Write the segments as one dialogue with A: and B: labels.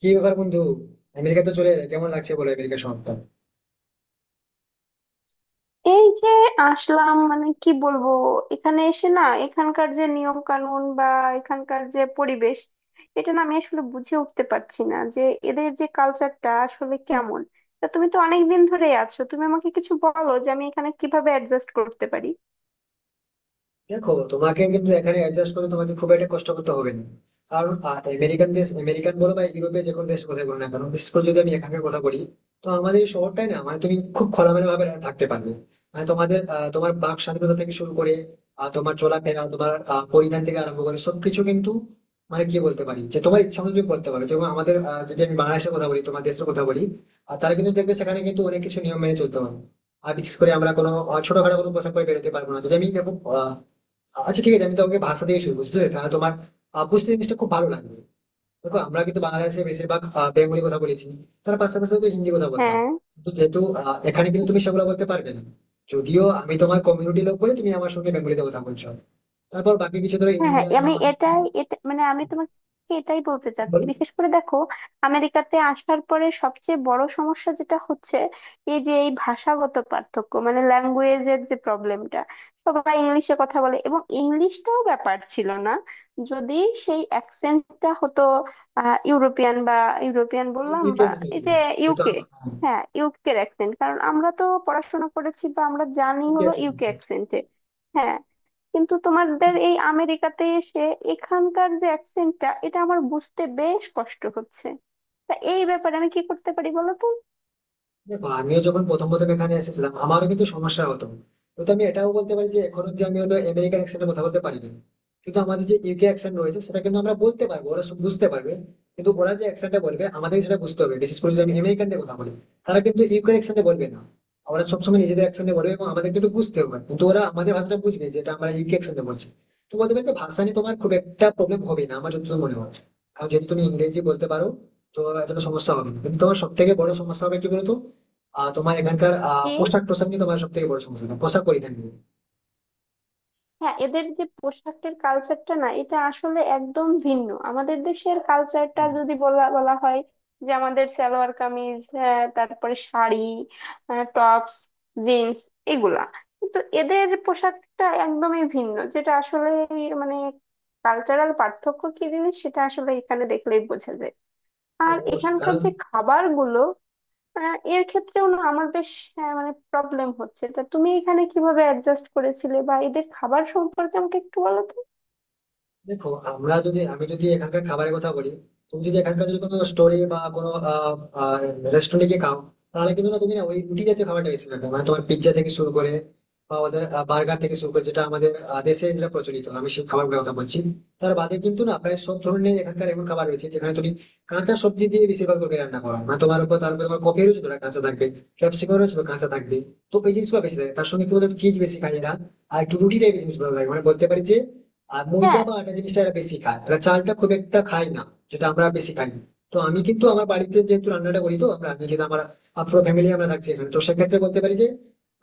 A: কি ব্যাপার, বন্ধু? আমেরিকা তো চলে এলে, কেমন লাগছে বলো আমেরিকা শহরটা?
B: এই যে আসলাম মানে কি বলবো। এখানে এসে না এখানকার যে নিয়ম কানুন বা এখানকার যে পরিবেশ, এটা না আমি আসলে বুঝে উঠতে পারছি না যে এদের যে কালচারটা আসলে কেমন। তা তুমি তো অনেক দিন ধরেই আছো, তুমি আমাকে কিছু বলো যে আমি এখানে কিভাবে অ্যাডজাস্ট করতে পারি।
A: দেখো, তোমাকে কিন্তু এখানে অ্যাডজাস্ট করে তোমাকে খুব একটা কষ্ট করতে হবে না। কারণ আমেরিকান দেশ আমেরিকান বলো বা ইউরোপের যে কোনো দেশ কথা বলো না কেন, বিশেষ করে যদি আমি এখানকার কথা বলি। তো আমাদের এই শহরটাই না, মানে তুমি খুব খোলামেলা ভাবে থাকতে পারবে। মানে তোমাদের তোমার বাক স্বাধীনতা থেকে শুরু করে তোমার চলাফেরা, তোমার পরিধান থেকে আরম্ভ করে সবকিছু কিন্তু মানে কি বলতে পারি যে তোমার ইচ্ছা মতো তুমি করতে পারো। যেমন আমাদের যদি আমি বাংলাদেশের কথা বলি, তোমার দেশের কথা বলি, আর তারা কিন্তু দেখবে সেখানে কিন্তু অনেক কিছু নিয়ম মেনে চলতে হয়। আর বিশেষ করে আমরা কোনো ছোটখাটো কোনো পোশাক পরে বেরোতে পারবো না। যদি আমি দেখো আহ, আচ্ছা ঠিক আছে, আমি তোমাকে ভাষা দিয়ে শুরু করছি তাহলে। তোমার বুঝতে জিনিসটা খুব ভালো লাগবে। দেখো, আমরা কিন্তু বাংলাদেশে বেশিরভাগ বেঙ্গলি কথা বলেছি, তার পাশাপাশি তো হিন্দি কথা বলতাম।
B: হ্যাঁ,
A: কিন্তু যেহেতু এখানে কিন্তু তুমি সেগুলো বলতে পারবে না, যদিও আমি তোমার কমিউনিটি লোক বলে তুমি আমার সঙ্গে বেঙ্গলিতে কথা বলছো। তারপর বাকি কিছু ধরো
B: হ্যাঁ
A: ইন্ডিয়ান বা
B: আমি এটাই,
A: পাকিস্তানি
B: এটা মানে আমি তোমাকে এটাই বলতে চাচ্ছি।
A: বলো,
B: বিশেষ করে দেখো, আমেরিকাতে আসার পরে সবচেয়ে বড় সমস্যা যেটা হচ্ছে এই যে এই ভাষাগত পার্থক্য, মানে ল্যাঙ্গুয়েজের যে প্রবলেমটা। সবাই ইংলিশে কথা বলে, এবং ইংলিশটাও ব্যাপার ছিল না যদি সেই অ্যাকসেন্টটা হতো ইউরোপিয়ান বা ইউরোপিয়ান বললাম
A: ইউকে
B: বা
A: এর মতো।
B: এই যে
A: যেহেতু
B: ইউকে।
A: হ্যাঁ,
B: হ্যাঁ, ইউকের অ্যাকসেন্ট, কারণ আমরা তো পড়াশোনা করেছি বা আমরা জানি
A: UK
B: হলো ইউকে
A: accent।
B: অ্যাকসেন্টে। কিন্তু তোমাদের এই আমেরিকাতে এসে এখানকার যে অ্যাকসেন্টটা, এটা আমার বুঝতে বেশ কষ্ট হচ্ছে। তা এই ব্যাপারে আমি কি করতে পারি বলো তো?
A: দেখো, আমিও যখন প্রথম প্রথম এখানে এসেছিলাম, আমারও কিন্তু সমস্যা হতো। কিন্তু আমি এটাও বলতে পারি যে এখন অব্দি আমি হয়তো আমেরিকান অ্যাকসেন্টে কথা বলতে পারিনি, কিন্তু আমাদের যে ইউকে অ্যাকসেন্ট রয়েছে সেটা কিন্তু আমরা বলতে পারবো, ওরা সব বুঝতে পারবে। কিন্তু ওরা যে অ্যাকসেন্টটা বলবে আমাদের সেটা বুঝতে হবে, বিশেষ করে যদি আমি আমেরিকানদের কথা বলি। তারা কিন্তু ইউকে অ্যাকসেন্টে বলবে না, ওরা সবসময় নিজেদের অ্যাকসেন্টে বলবে, এবং আমাদেরকে একটু বুঝতে হবে। কিন্তু ওরা আমাদের ভাষাটা বুঝবে, যেটা আমরা ইউকে অ্যাকসেন্টে বলছি। তো বলতে পারি যে ভাষা নিয়ে তোমার খুব একটা প্রবলেম হবে না, আমার যতদূর মনে হচ্ছে। কারণ যদি তুমি ইংরেজি বলতে পারো, তো এতটা সমস্যা হবে না। কিন্তু তোমার সব থেকে বড় সমস্যা হবে কি বলতো, তোমার এখানকার
B: কি?
A: পোশাক টোশাক নিয়ে, তোমার সব থেকে বড় সমস্যা তোমার পোশাক পরিধান নিয়ে।
B: হ্যাঁ, এদের যে পোশাকের কালচারটা না, এটা আসলে একদম ভিন্ন। আমাদের দেশের কালচারটা যদি বলা বলা হয়, যে আমাদের সালোয়ার কামিজ, হ্যাঁ, তারপরে শাড়ি, টপস, জিন্স, এগুলা। কিন্তু এদের পোশাকটা একদমই ভিন্ন, যেটা আসলে মানে কালচারাল পার্থক্য কি জিনিস সেটা আসলে এখানে দেখলেই বোঝা যায়। আর
A: হ্যাঁ, অবশ্যই।
B: এখানকার
A: কারণ
B: যে খাবারগুলো, এর ক্ষেত্রেও না আমার বেশ মানে প্রবলেম হচ্ছে। তা তুমি এখানে কিভাবে অ্যাডজাস্ট করেছিলে বা এদের খাবার সম্পর্কে আমাকে একটু বলো তো।
A: দেখো, আমরা যদি আমি যদি এখানকার খাবারের কথা বলি, তুমি যদি এখানকার যদি কোনো স্টোরে বা কোনো রেস্টুরেন্টে গিয়ে খাও, তাহলে কিন্তু না তুমি না ওই রুটি জাতীয় খাবারটা বেশি পাবে। মানে তোমার পিৎজা থেকে শুরু করে বা ওদের বার্গার থেকে শুরু করে, যেটা আমাদের দেশে যেটা প্রচলিত, আমি সেই খাবারগুলোর কথা বলছি। তার বাদে কিন্তু না প্রায় সব ধরনের এখানকার এমন খাবার রয়েছে যেখানে তুমি কাঁচা সবজি দিয়ে বেশিরভাগ তরকারি রান্না করো। মানে তোমার উপর তার উপর তোমার কপিরও যতটা কাঁচা থাকবে, ক্যাপসিকামও যতটা কাঁচা থাকবে, তো এই জিনিসগুলো বেশি থাকে। তার সঙ্গে কি বলতো, চিজ বেশি খায় এরা, আর একটু রুটিটাই বেশি বেশি ভালো লাগে, মানে বলতে পারি যে আর ময়দা
B: হ্যাঁ
A: বা আটা জিনিসটা এরা বেশি খায়, এরা চালটা খুব একটা খায় না, যেটা আমরা বেশি খাই। তো আমি কিন্তু আমার বাড়িতে যেহেতু রান্নাটা করি, তো আমরা নিজেদের আমার পুরো ফ্যামিলি আমরা থাকছি এখানে, তো সেক্ষেত্রে বলতে পারি যে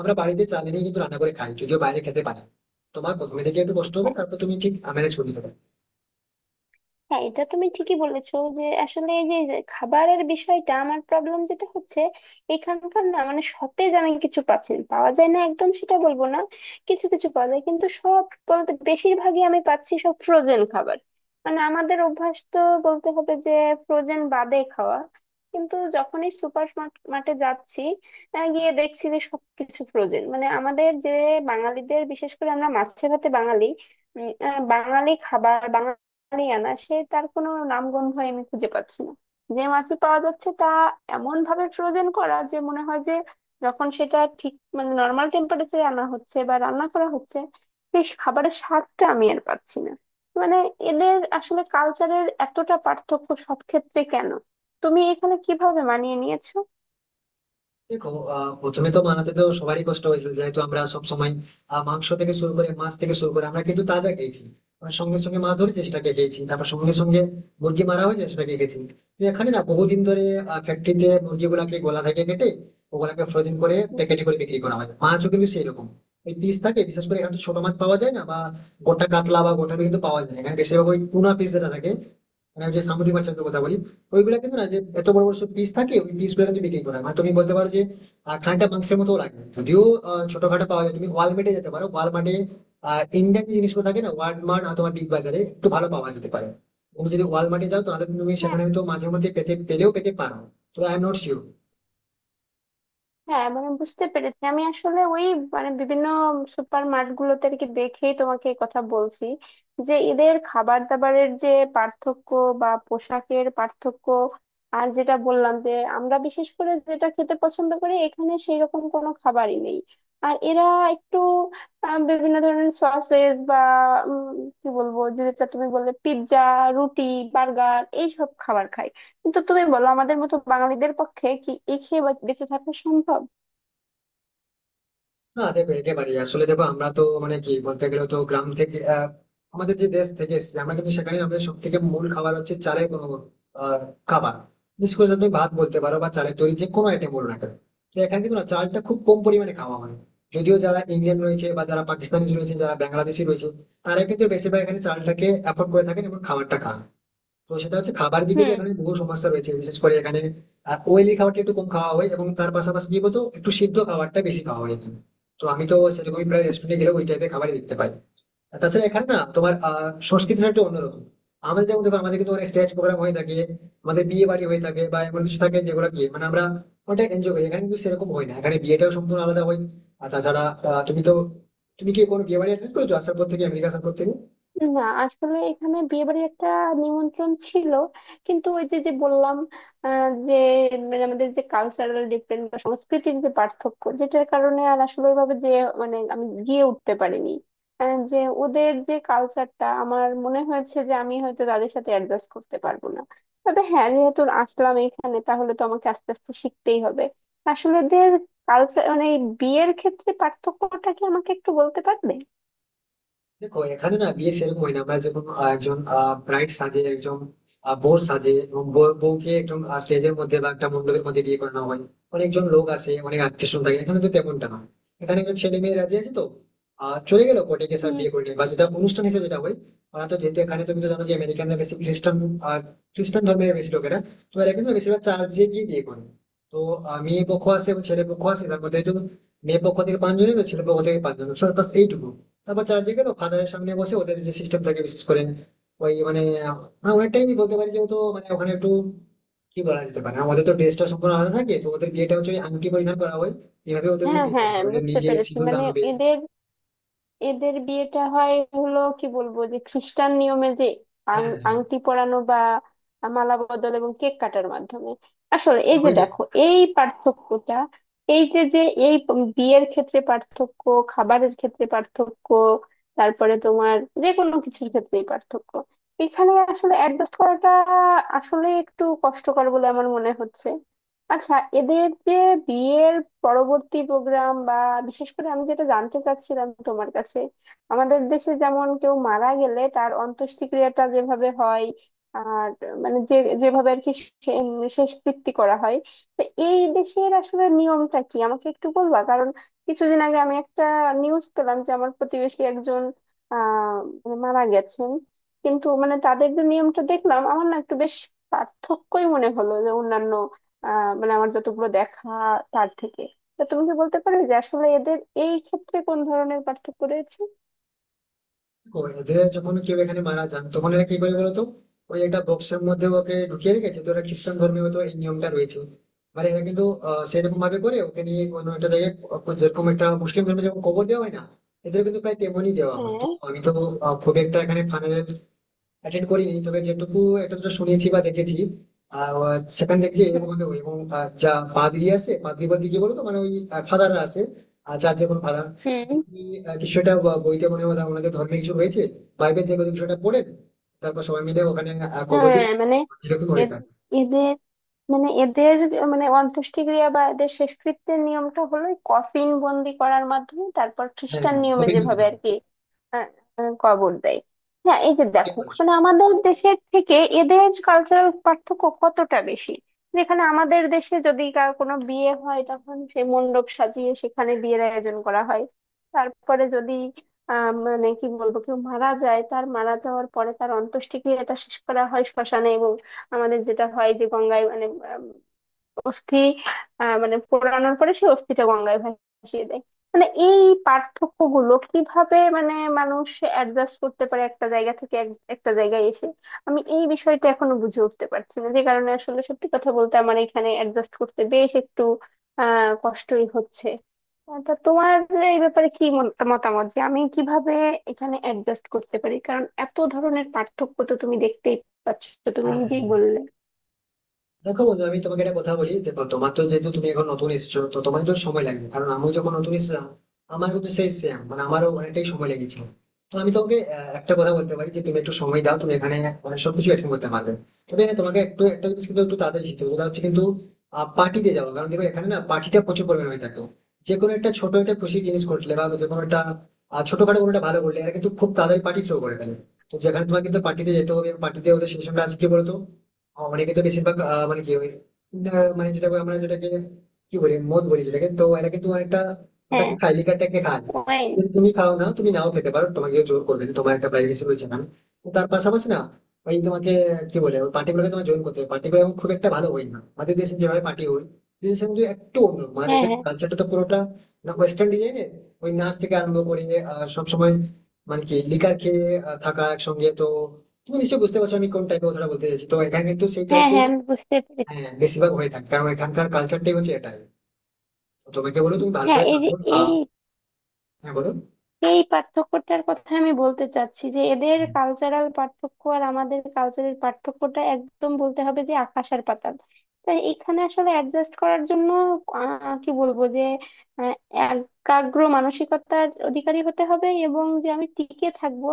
A: আমরা বাড়িতে চাল এনেই কিন্তু রান্না করে খাই, যদিও বাইরে খেতে পারি। তোমার প্রথমে থেকে একটু কষ্ট হবে, তারপর তুমি ঠিক ম্যানেজ করে নিতে পারবে।
B: হ্যাঁ এটা তুমি ঠিকই বলেছো যে আসলে এই যে যে খাবারের বিষয়টা আমার প্রবলেম যেটা হচ্ছে এখানকার না মানে সতেজ আমি কিছু পাচ্ছি না। পাওয়া যায় না একদম সেটা বলবো না। কিছু কিছু পাওয়া যায়, কিন্তু সব বলতে বেশিরভাগই আমি পাচ্ছি সব ফ্রোজেন খাবার। মানে আমাদের অভ্যাস তো বলতে হবে যে ফ্রোজেন বাদে খাওয়া। কিন্তু যখনই সুপার মার্কেটে যাচ্ছি, গিয়ে দেখছি যে সবকিছু ফ্রোজেন। মানে আমাদের যে বাঙালিদের, বিশেষ করে আমরা মাছে ভাতে বাঙালি, বাঙালি খাবার আনা সে তার কোনো নামগন্ধ আমি খুঁজে পাচ্ছি না। যে মাছই পাওয়া যাচ্ছে তা এমন ভাবে ফ্রোজেন করা যে মনে হয় যে যখন সেটা ঠিক মানে নর্মাল টেম্পারেচারে আনা হচ্ছে বা রান্না করা হচ্ছে, সেই খাবারের স্বাদটা আমি আর পাচ্ছি না। মানে এদের আসলে কালচারের এতটা পার্থক্য সব ক্ষেত্রে কেন? তুমি এখানে কিভাবে মানিয়ে নিয়েছো?
A: দেখো, প্রথমে তো বানাতে তো সবারই কষ্ট হয়েছিল, যেহেতু আমরা সব সময় মাংস থেকে শুরু করে মাছ থেকে শুরু করে আমরা কিন্তু তাজা খেয়েছি। আর সঙ্গে সঙ্গে মাছ ধরেছি সেটাকে খেয়েছি, তারপর সঙ্গে সঙ্গে মুরগি মারা হয়েছে সেটাকে খেয়েছি। তো এখানে না বহুদিন ধরে ফ্যাক্টরিতে মুরগিগুলাকে গলা থেকে কেটে ওগুলাকে ফ্রোজেন করে
B: হুম।
A: প্যাকেটে করে বিক্রি করা হয়। মাছও কিন্তু সেই রকম, ওই পিস থাকে। বিশেষ করে এখানে তো ছোট মাছ পাওয়া যায় না বা গোটা কাতলা বা গোটা রুই কিন্তু পাওয়া যায় না। এখানে বেশিরভাগ ওই টুনা পিস যেটা থাকে, মানে ওই যে সামুদ্রিক মাছের তো কথা বলি, ওইগুলা কিন্তু না যে এত বড় বড় সব পিস থাকে, ওই পিস গুলো কিন্তু বিক্রি করা হয়। মানে তুমি বলতে পারো যে খানিকটা মাংসের মতো লাগে, যদিও ছোটখাটো পাওয়া যায়। তুমি ওয়ালমার্টে যেতে পারো, ওয়ালমার্টে ইন্ডিয়ান যে জিনিসগুলো থাকে না, ওয়ালমার্ট অথবা বিগ বাজারে একটু ভালো পাওয়া যেতে পারে। তুমি যদি ওয়ালমার্টে যাও তাহলে তুমি
B: হ্যাঁ
A: সেখানে হয়তো মাঝে মধ্যে পেতে পেলেও পেতে পারো। তো আই এম নট শিওর।
B: হ্যাঁ মানে বুঝতে পেরেছি। আমি আসলে ওই মানে বিভিন্ন সুপার মার্টগুলোতে আর কি দেখেই তোমাকে এই কথা বলছি যে এদের খাবার দাবারের যে পার্থক্য বা পোশাকের পার্থক্য, আর যেটা বললাম যে আমরা বিশেষ করে যেটা খেতে পছন্দ করি এখানে সেই রকম কোনো খাবারই নেই। আর এরা একটু বিভিন্ন ধরনের সসেস বা উম, কি বলবো, যেটা তুমি বললে, পিৎজা, রুটি, বার্গার এইসব খাবার খায়। কিন্তু তুমি বলো, আমাদের মতো বাঙালিদের পক্ষে কি এ খেয়ে বেঁচে থাকা সম্ভব?
A: না দেখো, একেবারে আসলে দেখো আমরা তো মানে কি বলতে গেলে তো গ্রাম থেকে আমাদের যে দেশ থেকে এসেছি, আমরা কিন্তু সেখানে আমাদের সব থেকে মূল খাবার হচ্ছে চালের কোনো আহ, খাবার। বিশেষ করে তুমি ভাত বলতে পারো বা চালের তৈরি যে কোনো আইটেম বলো না কেন। তো এখানে কিন্তু না চালটা খুব কম পরিমাণে খাওয়া হয়, যদিও যারা ইন্ডিয়ান রয়েছে বা যারা পাকিস্তানি রয়েছে যারা বাংলাদেশি রয়েছে, তারা কিন্তু বেশিরভাগ এখানে চালটাকে অ্যাফোর্ড করে থাকেন এবং খাবারটা খান। তো সেটা হচ্ছে খাবার দিকে যে
B: হুম।
A: এখানে বহু সমস্যা রয়েছে। বিশেষ করে এখানে অয়েলি খাবারটা একটু কম খাওয়া হয় এবং তার পাশাপাশি কি বলতো একটু সিদ্ধ খাবারটা বেশি খাওয়া হয় এখানে। তো আমি তো সেরকমই প্রায় রেস্টুরেন্টে গেলে ওই টাইপের খাবারই দেখতে পাই। আর তাছাড়া এখানে না তোমার সংস্কৃতিটা একটু অন্যরকম। আমাদের যেমন দেখো আমাদের কিন্তু অনেক স্টেজ প্রোগ্রাম হয়ে থাকে, আমাদের বিয়ে বাড়ি হয়ে থাকে বা এমন কিছু থাকে যেগুলো কি মানে আমরা অনেকটা এনজয় করি। এখানে কিন্তু সেরকম হয় না, এখানে বিয়েটাও সম্পূর্ণ আলাদা হয়। আর তাছাড়া তুমি তো তুমি কি কোনো বিয়ে বাড়ি অ্যাটেন্ড করেছো আসার পর থেকে, আমেরিকা আসার পর থেকে?
B: না, আসলে এখানে বিয়ে বাড়ির একটা নিমন্ত্রণ ছিল, কিন্তু ওই যে যে বললাম যে মানে আমাদের যে কালচারাল ডিফারেন্স বা সংস্কৃতির যে পার্থক্য, যেটার কারণে আর আসলে ওইভাবে যে মানে আমি গিয়ে উঠতে পারিনি। যে ওদের যে কালচারটা আমার মনে হয়েছে যে আমি হয়তো তাদের সাথে অ্যাডজাস্ট করতে পারবো না। তবে হ্যাঁ, যেহেতু আসলাম এখানে তাহলে তো আমাকে আস্তে আস্তে শিখতেই হবে। আসলে ওদের কালচার, মানে এই বিয়ের ক্ষেত্রে পার্থক্যটা কি আমাকে একটু বলতে পারবে?
A: দেখো, এখানে না বিয়ে সেরকম হয় না। আমরা যেমন একজন ব্রাইড সাজে, একজন বর সাজে, এবং বউকে একদম স্টেজের মধ্যে বা একটা মণ্ডপের মধ্যে বিয়ে করানো হয়, অনেকজন লোক আসে, অনেক আত্মীয় স্বজন থাকে। এখানে তো তেমনটা নয়, এখানে একজন ছেলে মেয়ে রাজি আছে তো চলে গেলো কোর্টে গিয়ে সব বিয়ে করে নিয়ে, বা যেটা অনুষ্ঠান হিসেবে যেটা হয়। ওরা তো যেহেতু এখানে তুমি তো জানো যে আমেরিকানরা বেশি খ্রিস্টান, আর খ্রিস্টান ধর্মের বেশি লোকেরা, তো এরা কিন্তু বেশিরভাগ চার্চে গিয়ে বিয়ে করে। তো মেয়ে পক্ষ আসে এবং ছেলে পক্ষ আসে, তার মধ্যে একজন, মেয়ে পক্ষ থেকে পাঁচজন এবং ছেলে পক্ষ থেকে পাঁচজন, ব্যাস এইটুকু। তারপর চার্জে গেল, ফাদারের সামনে বসে ওদের যে সিস্টেম থাকে, বিশেষ করে ওই মানে আমরা অনেকটাই বলতে পারি যেহেতু মানে ওখানে একটু কি বলা যেতে পারে, আমাদের তো ড্রেসটা সম্পূর্ণ আলাদা থাকে। তো ওদের বিয়েটা হচ্ছে ওই আংটি পরিধান করা হয়, এইভাবে ওদের
B: হ্যাঁ
A: বিয়েটা হয়ে
B: হ্যাঁ
A: যাবে, ওদের
B: বুঝতে
A: নিজে
B: পেরেছি।
A: সিঁদুর দান
B: মানে
A: হবে।
B: এদের এদের বিয়েটা হয় হলো কি বলবো যে খ্রিস্টান নিয়মে যে
A: হ্যাঁ
B: আংটি পরানো বা মালা বদল এবং কেক কাটার মাধ্যমে। আসলে এই
A: হ্যাঁ,
B: যে
A: ওইটাই।
B: দেখো এই পার্থক্যটা, এই যে যে এই বিয়ের ক্ষেত্রে পার্থক্য, খাবারের ক্ষেত্রে পার্থক্য, তারপরে তোমার যে কোনো কিছুর ক্ষেত্রেই পার্থক্য, এখানে আসলে অ্যাডজাস্ট করাটা আসলে একটু কষ্টকর বলে আমার মনে হচ্ছে। আচ্ছা, এদের যে বিয়ের পরবর্তী প্রোগ্রাম বা বিশেষ করে আমি যেটা জানতে চাচ্ছিলাম তোমার কাছে, আমাদের দেশে যেমন কেউ মারা গেলে তার অন্ত্যেষ্টিক্রিয়াটা যেভাবে হয় আর মানে যে যেভাবে আর কি শে- উম শেষকৃত্য করা হয়, তো এই দেশের আসলে নিয়মটা কি আমাকে একটু বলবা? কারণ কিছুদিন আগে আমি একটা নিউজ পেলাম যে আমার প্রতিবেশী একজন আহ মানে মারা গেছেন, কিন্তু মানে তাদের যে নিয়মটা দেখলাম আমার না একটু বেশ পার্থক্যই মনে হলো যে অন্যান্য মানে আমার যতগুলো দেখা তার থেকে। তা তুমি কি বলতে পারবে যে আসলে এদের এই ক্ষেত্রে কোন ধরনের পার্থক্য রয়েছে?
A: দেখো, এদের যখন কেউ এখানে মারা যান তখন এরা কি করে বলতো, ওই একটা বক্সের মধ্যে ওকে ঢুকিয়ে রেখেছে, তো এরা খ্রিস্টান ধর্মে হয়তো এই নিয়মটা রয়েছে। মানে এরা কিন্তু সেরকম ভাবে করে ওকে নিয়ে কোনো একটা জায়গায়, যেরকম একটা মুসলিম ধর্মে যখন কবর দেওয়া হয় না, এদের কিন্তু প্রায় তেমনই দেওয়া হয়। তো
B: হ্যাঁ।
A: আমি তো খুব একটা এখানে ফানের অ্যাটেন্ড করিনি, তবে যেটুকু একটা দুটো শুনেছি বা দেখেছি আহ সেখানে দেখছি
B: হুম।
A: এরকম ভাবে হয়। এবং যা পাদ্রি আছে, পাদ্রি বলতে কি বলতো মানে ওই ফাদাররা আছে, আর চার্চের কোনো ফাদার
B: হুম,
A: তিনি কিছু একটা বইতে মনে হয় ওনাদের ধর্মে কিছু হয়েছে, বাইবেল থেকে ওদের কিছু একটা পড়েন, তারপর সবাই মিলে ওখানে কবর
B: হ্যাঁ
A: দিয়ে,
B: মানে
A: এরকম হয়ে থাকে।
B: এদ- এদের মানে এদের মানে অন্ত্যেষ্টিক্রিয়া বা এদের শেষকৃত্যের নিয়মটা হলো কফিন বন্দি করার মাধ্যমে তারপর
A: হ্যাঁ
B: খ্রিস্টান
A: হ্যাঁ,
B: নিয়মে
A: কপিল মুনি।
B: যেভাবে আর কি আহ, আহ, কবর দেয়। হ্যাঁ, এই যে
A: সঠিক
B: দেখো
A: বলেছো।
B: মানে আমাদের দেশের থেকে এদের কালচারাল পার্থক্য কতটা বেশি। যেখানে আমাদের দেশে যদি কার কোনো বিয়ে হয় তখন সে মণ্ডপ সাজিয়ে সেখানে বিয়ের আয়োজন করা হয়। তারপরে যদি মানে কি বলবো কেউ মারা যায়, তার মারা যাওয়ার পরে তার অন্ত্যেষ্টিক্রিয়াটা শেষ করা হয় শ্মশানে, এবং আমাদের যেটা হয় যে গঙ্গায় মানে আম, অস্থি মানে পোড়ানোর পরে সেই অস্থিটা গঙ্গায় ভাসিয়ে দেয়। মানে এই পার্থক্য গুলো কিভাবে মানে মানুষ অ্যাডজাস্ট করতে পারে একটা জায়গা থেকে একটা জায়গায় এসে? আমি এই বিষয়টা এখনো বুঝে উঠতে পারছি না, যে কারণে আসলে সত্যি কথা বলতে আমার এখানে অ্যাডজাস্ট করতে বেশ একটু কষ্টই হচ্ছে। তা তোমার এই ব্যাপারে কি মতামত যে আমি কিভাবে এখানে অ্যাডজাস্ট করতে পারি? কারণ এত ধরনের পার্থক্য তো তুমি দেখতেই পাচ্ছ, তুমি
A: হ্যাঁ
B: নিজেই বললে।
A: দেখো বন্ধু, আমি তোমাকে একটা কথা বলি। দেখো তোমার তো যেহেতু তুমি এখন নতুন এসেছো, তো তোমার তো সময় লাগবে। কারণ আমি যখন নতুন এসেছিলাম, আমার কিন্তু সেই সেম মানে আমারও অনেকটাই সময় লেগেছিল। তো আমি তোমাকে একটা কথা বলতে পারি যে তুমি একটু সময় দাও, তুমি এখানে মানে সবকিছু অ্যাটেন্ড করতে পারবে। তবে হ্যাঁ, তোমাকে একটু একটা জিনিস কিন্তু একটু তাড়াতাড়ি শিখতে হবে, সেটা হচ্ছে কিন্তু পার্টিতে যাওয়া। কারণ দেখো, এখানে না পার্টিটা প্রচুর পরিমাণে হয়ে থাকে। যে কোনো একটা ছোট একটা খুশি জিনিস ঘটলে বা যে কোনো একটা ছোটখাটো কোনো একটা ভালো করলে এরা কিন্তু খুব তাড়াতাড়ি পার্টি থ্রো করে ফেলে। তো যেখানে তোমাকে কিন্তু পার্টিতে যেতে হবে, পার্টিতে ওদের সিস্টেমটা আছে কি বলতো, অনেকে তো বেশিরভাগ মানে কি ওই মানে যেটা আমরা যেটাকে কি বলি, মদ বলি যেটাকে, তো এরা কিন্তু অনেকটা
B: হ্যাঁ।
A: ওটাকে খায়, লিকারটাকে খায়।
B: ওয়াইন।
A: কিন্তু তুমি খাও না, তুমি নাও খেতে পারো, তোমাকে কেউ জোর করবে না, তোমার একটা প্রাইভেসি রয়েছে না। তো তার পাশাপাশি না ওই তোমাকে কি বলে ওই পার্টিগুলোকে তোমার জয়েন করতে হবে। পার্টিগুলো এখন খুব একটা ভালো হয় না আমাদের দেশে যেভাবে পার্টি হয়, দেশে কিন্তু একটু অন্য, মানে
B: হ্যাঁ
A: এদের
B: হ্যাঁ
A: কালচারটা তো পুরোটা না ওয়েস্টার্ন ডিজাইনের। ওই নাচ থেকে আরম্ভ করে সবসময় মানে কি লিকার খেয়ে থাকা একসঙ্গে, তো তুমি নিশ্চয়ই বুঝতে পারছো আমি কোন টাইপের কথাটা বলতে চাইছি। তো এখানে কিন্তু সেই
B: হ্যাঁ
A: টাইপের
B: হ্যাঁ, আমি বুঝতে পেরেছি।
A: বেশিরভাগ হয়ে থাকে, কারণ এখানকার কালচারটাই হচ্ছে এটাই। তো তোমাকে বলো তুমি ভালো
B: হ্যাঁ,
A: করে
B: এই
A: থাকো
B: যে
A: খাওয়া।
B: এই
A: হ্যাঁ বলো।
B: এই পার্থক্যটার কথা আমি বলতে চাচ্ছি যে এদের কালচারাল পার্থক্য আর আমাদের কালচারের পার্থক্যটা একদম বলতে হবে যে আকাশ আর পাতাল। তাই এখানে আসলে অ্যাডজাস্ট করার জন্য কি বলবো যে আহ, একাগ্র মানসিকতার অধিকারী হতে হবে এবং যে আমি টিকে থাকবো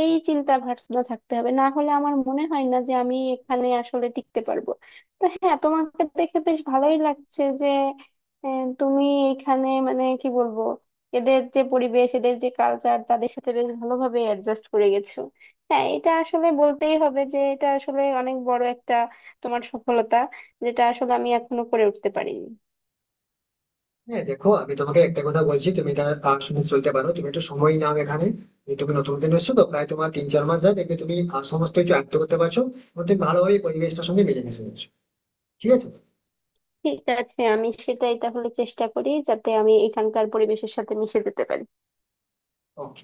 B: এই চিন্তা ভাবনা থাকতে হবে, না হলে আমার মনে হয় না যে আমি এখানে আসলে টিকতে পারবো। তো হ্যাঁ, তোমাকে দেখে বেশ ভালোই লাগছে যে তুমি এখানে মানে কি বলবো এদের যে পরিবেশ এদের যে কালচার তাদের সাথে বেশ ভালোভাবে অ্যাডজাস্ট করে গেছো। হ্যাঁ, এটা আসলে বলতেই হবে যে এটা আসলে অনেক বড় একটা তোমার সফলতা, যেটা আসলে আমি এখনো করে উঠতে পারিনি।
A: হ্যাঁ দেখো, আমি তোমাকে একটা কথা বলছি, তুমি এটা শুনে চলতে পারো। তুমি একটু সময় নাও এখানে, যে তুমি নতুন দিন এসছো, তো প্রায় তোমার তিন চার মাস যায়, দেখবে তুমি সমস্ত কিছু আয়ত্ত করতে পারছো এবং তুমি ভালোভাবে এই পরিবেশটার সঙ্গে মিলেমিশে যাচ্ছো, ঠিক আছে?
B: ঠিক আছে, আমি সেটাই তাহলে চেষ্টা করি যাতে আমি এখানকার পরিবেশের সাথে মিশে যেতে পারি।
A: ওকে।